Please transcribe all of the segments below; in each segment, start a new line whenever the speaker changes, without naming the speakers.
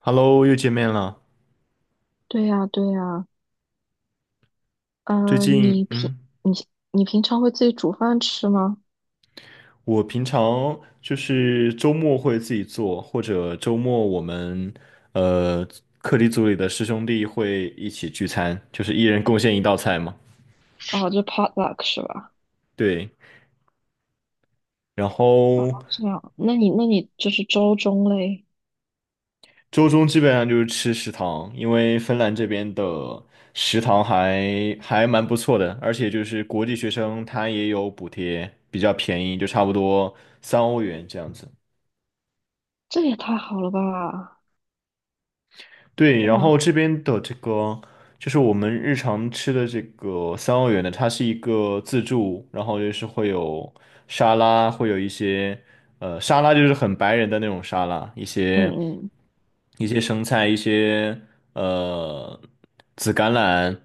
Hello，又见面了。
对呀，对呀，
最
嗯，
近，
你你平常会自己煮饭吃吗？
我平常就是周末会自己做，或者周末我们呃课题组里的师兄弟会一起聚餐，就是一人贡献一道菜嘛。
哦，就 potluck 是吧？
对，然后
这样，那你就是周中嘞，
周中基本上就是吃食堂，因为芬兰这边的食堂还蛮不错的，而且就是国际学生他也有补贴，比较便宜，就差不多3欧元这样子。
这也太好了吧！
对，然后
哇，
这边的这个。就是我们日常吃的这个三澳园的，它是一个自助，然后就是会有沙拉，会有一些沙拉就是很白人的那种沙拉，一
嗯
些
嗯
一些生菜，一些呃紫甘蓝、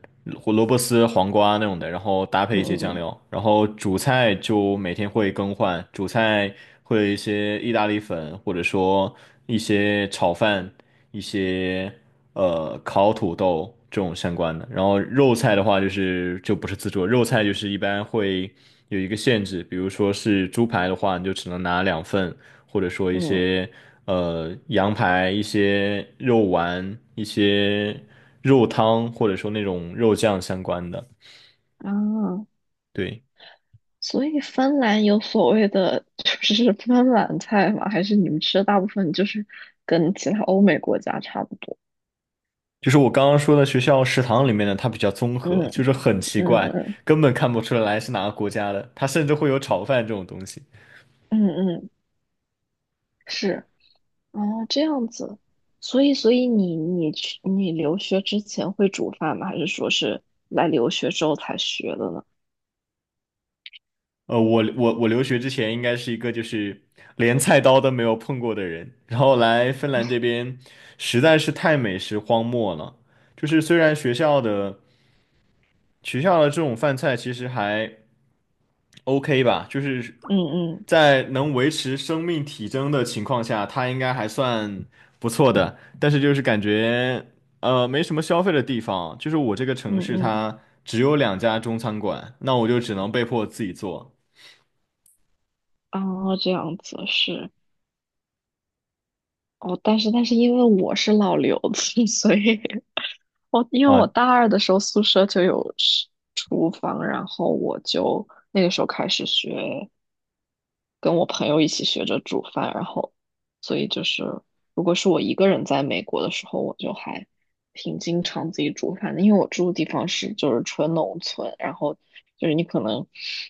胡萝卜丝、黄瓜那种的，然后搭配一些酱
嗯
料，然后主菜就每天会更换，主菜会有一些意大利粉，或者说一些炒饭，一些烤土豆这种相关的。然后肉菜的话，就不是自助，肉菜就是一般会有一个限制，比如说是猪排的话，你就只能拿2份，或者说一
嗯
些羊排、一些肉丸、一些肉汤，或者说那种肉酱相关的。
嗯啊，
对，
所以芬兰有所谓的就是芬兰菜吗？还是你们吃的大部分就是跟其他欧美国家差不多？
就是我刚刚说的学校食堂里面的，它比较综
嗯
合，就是很奇
嗯
怪，
嗯
根本看不出来是哪个国家的，它甚至会有炒饭这种东西。
嗯嗯，是。哦，这样子，所以你留学之前会煮饭吗？还是说是来留学之后才学的呢？
我留学之前应该是一个就是连菜刀都没有碰过的人，然后来芬兰这边实在是太美食荒漠了。就是虽然学校的这种饭菜其实还 OK 吧，就是
嗯嗯
在能维持生命体征的情况下，它应该还算不错的，但是就是感觉没什么消费的地方，就是我这个
嗯
城市
嗯，
它只有两家中餐馆，那我就只能被迫自己做。
哦，这样子是哦，但是因为我是老留子，所以因为我
啊、
大二的时候宿舍就有是厨房，然后我就那个时候开始学。跟我朋友一起学着煮饭，然后所以就是如果是我一个人在美国的时候，我就还挺经常自己煮饭的，因为我住的地方是就是纯农村，然后就是你可能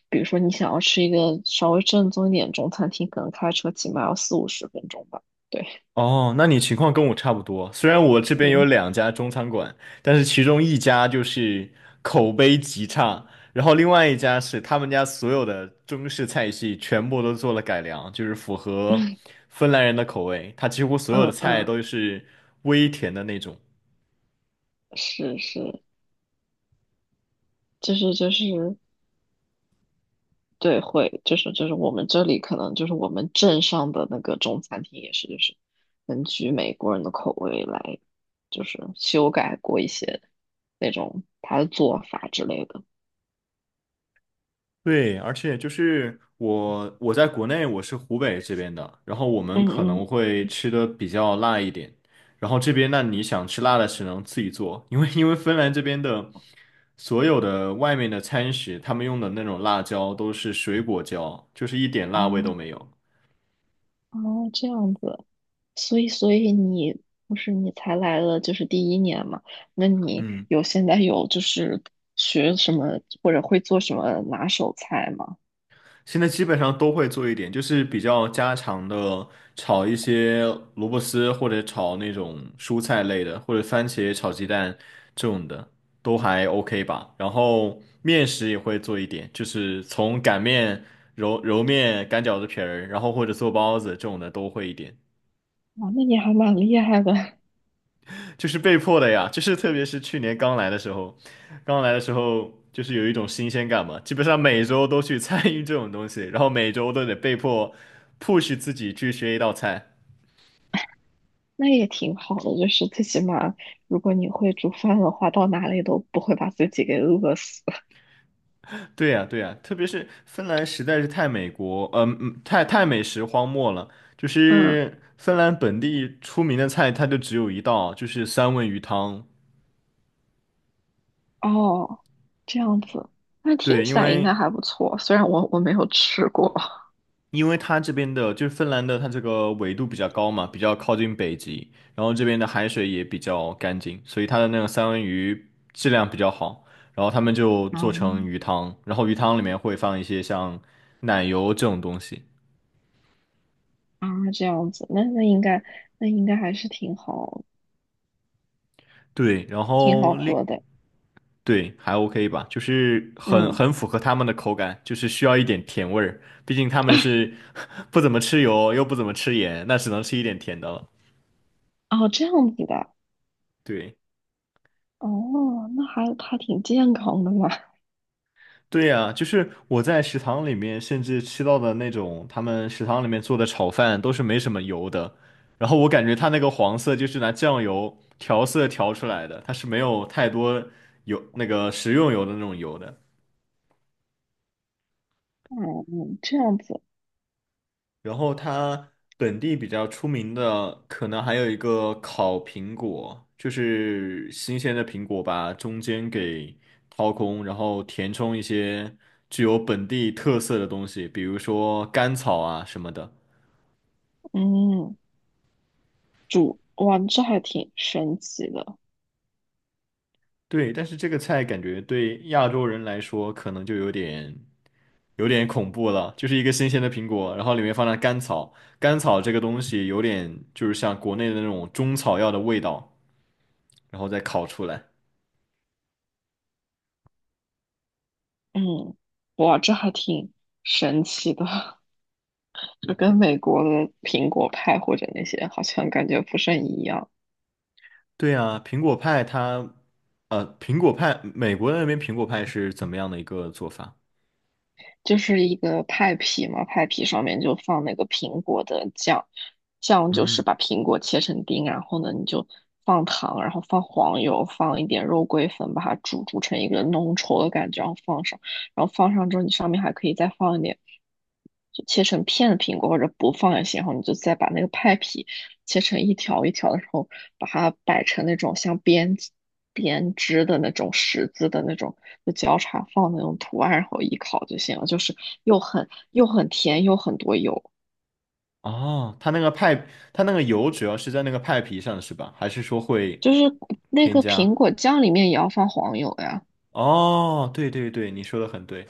比如说你想要吃一个稍微正宗一点中餐厅，可能开车起码要四五十分钟吧。对，
哦，那你情况跟我差不多。虽然我这边有
嗯
两家中餐馆，但是其中一家就是口碑极差，然后另外一家是他们家所有的中式菜系全部都做了改良，就是符合芬兰人的口味。它几乎所有的
嗯
菜
嗯，
都是微甜的那种。
是是，就是就是。对，会就是就是我们这里可能就是我们镇上的那个中餐厅也是，就是根据美国人的口味来，就是修改过一些那种他的做法之类的。
对，而且就是我在国内我是湖北这边的，然后我们
嗯
可能
嗯，
会吃的比较辣一点，然后这边那你想吃辣的只能自己做，因为芬兰这边的所有的外面的餐食，他们用的那种辣椒都是水果椒，就是一点
哦
辣味都没有。
哦，这样子，所以你不是你才来了就是第一年嘛？那你
嗯。
有现在有就是学什么或者会做什么拿手菜吗？
现在基本上都会做一点，就是比较家常的，炒一些萝卜丝或者炒那种蔬菜类的，或者番茄炒鸡蛋这种的，都还 OK 吧。然后面食也会做一点，就是从擀面、揉面、擀饺子皮儿，然后或者做包子这种的都会一点。
啊，那你还蛮厉害的。
就是被迫的呀，就是特别是去年刚来的时候，刚来的时候就是有一种新鲜感嘛，基本上每周都去参与这种东西，然后每周都得被迫 push 自己去学一道菜。
那也挺好的，就是最起码如果你会煮饭的话，到哪里都不会把自己给饿死。
对呀，对呀，特别是芬兰实在是太美国，嗯、嗯，太太美食荒漠了。就
嗯，
是芬兰本地出名的菜，它就只有一道，就是三文鱼汤。
哦，这样子，那听
对，因
起来应
为
该还不错，虽然我没有吃过。
因为它这边的就是芬兰的，它这个纬度比较高嘛，比较靠近北极，然后这边的海水也比较干净，所以它的那个三文鱼质量比较好。然后他们就做成
嗯
鱼汤，然后鱼汤里面会放一些像奶油这种东西。
啊，这样子，那应该还是挺好，
对，然
挺好
后另
喝的。
对还 OK 吧，就是很
嗯，
很符合他们的口感，就是需要一点甜味儿，毕竟他们 是 不怎么吃油，又不怎么吃盐，那只能吃一点甜的了。
哦，这样子的，
对。
哦，那还挺健康的嘛。
对呀，就是我在食堂里面甚至吃到的那种他们食堂里面做的炒饭都是没什么油的，然后我感觉它那个黄色就是拿酱油调色调出来的，它是没有太多油那个食用油的那种油的。
嗯，这样子，
然后它本地比较出名的可能还有一个烤苹果，就是新鲜的苹果把中间给掏空，然后填充一些具有本地特色的东西，比如说甘草啊什么的。
嗯，哇，这还挺神奇的。
对，但是这个菜感觉对亚洲人来说可能就有点恐怖了，就是一个新鲜的苹果，然后里面放了甘草，甘草这个东西有点就是像国内的那种中草药的味道，然后再烤出来。
嗯，哇，这还挺神奇的，这跟美国的苹果派或者那些好像感觉不甚一样。
对啊，苹果派它，苹果派，美国那边苹果派是怎么样的一个做法？
就是一个派皮嘛，派皮上面就放那个苹果的酱，酱就是
嗯，
把苹果切成丁，然后呢你就放糖，然后放黄油，放一点肉桂粉，把它煮成一个浓稠的感觉，然后放上，然后放上之后你上面还可以再放一点。就切成片的苹果，或者不放也行。然后你就再把那个派皮切成一条一条的，然后把它摆成那种像编织的那种十字的那种，就交叉放那种图案，然后一烤就行了。就是又很甜，又很多油。
哦，它那个派，它那个油主要是在那个派皮上是吧？还是说会
就是那
添
个
加？
苹果酱里面也要放黄油呀。
哦，对对对，你说的很对。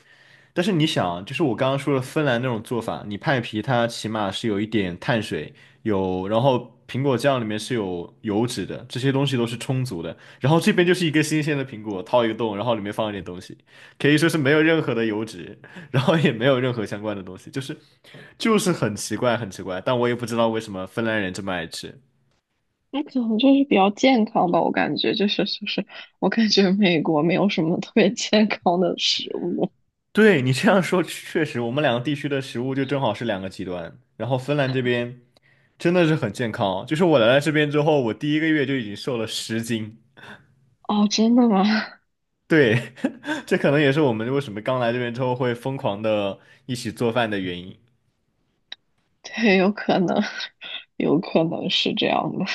但是你想，就是我刚刚说的芬兰那种做法，你派皮它起码是有一点碳水，有，然后苹果酱里面是有油脂的，这些东西都是充足的。然后这边就是一个新鲜的苹果，掏一个洞，然后里面放一点东西，可以说是没有任何的油脂，然后也没有任何相关的东西，就是很奇怪，很奇怪。但我也不知道为什么芬兰人这么爱吃。
那可能就是比较健康吧，我感觉就是就是，我感觉美国没有什么特别健康的食物。
对你这样说，确实，我们两个地区的食物就正好是两个极端。然后芬兰这边。真的是很健康哦就是我来了这边之后，我第一个月就已经瘦了10斤。
哦，真的吗？
对，这可能也是我们为什么刚来这边之后会疯狂的一起做饭的原因。
对，有可能，有可能是这样的。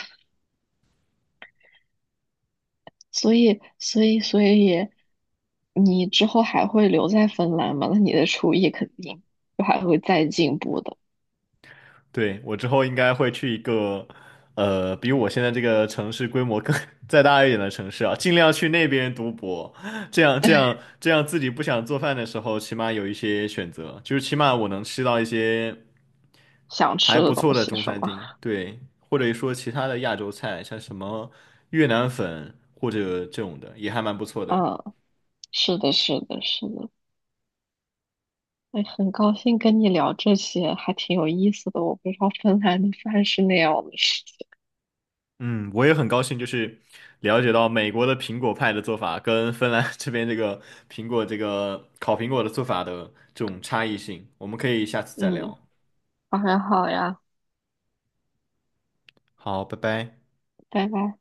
所以，你之后还会留在芬兰吗？那你的厨艺肯定就还会再进步的。
对，我之后应该会去一个，比我现在这个城市规模更 再大一点的城市啊，尽量去那边读博，这样自己不想做饭的时候，起码有一些选择，就是起码我能吃到一些。
想
还
吃的
不
东
错的
西
中
是吗？
餐厅，对，或者说其他的亚洲菜，像什么越南粉或者这种的，也还蛮不错的。
嗯，是的，是的，是的。哎，很高兴跟你聊这些，还挺有意思的。我不知道芬兰的饭是那样的事情。
嗯，我也很高兴，就是了解到美国的苹果派的做法跟芬兰 这边这个苹果这个烤苹果的做法的这种差异性，我们可以下次再
嗯，
聊。
好呀，好呀，
好，拜拜。
拜拜。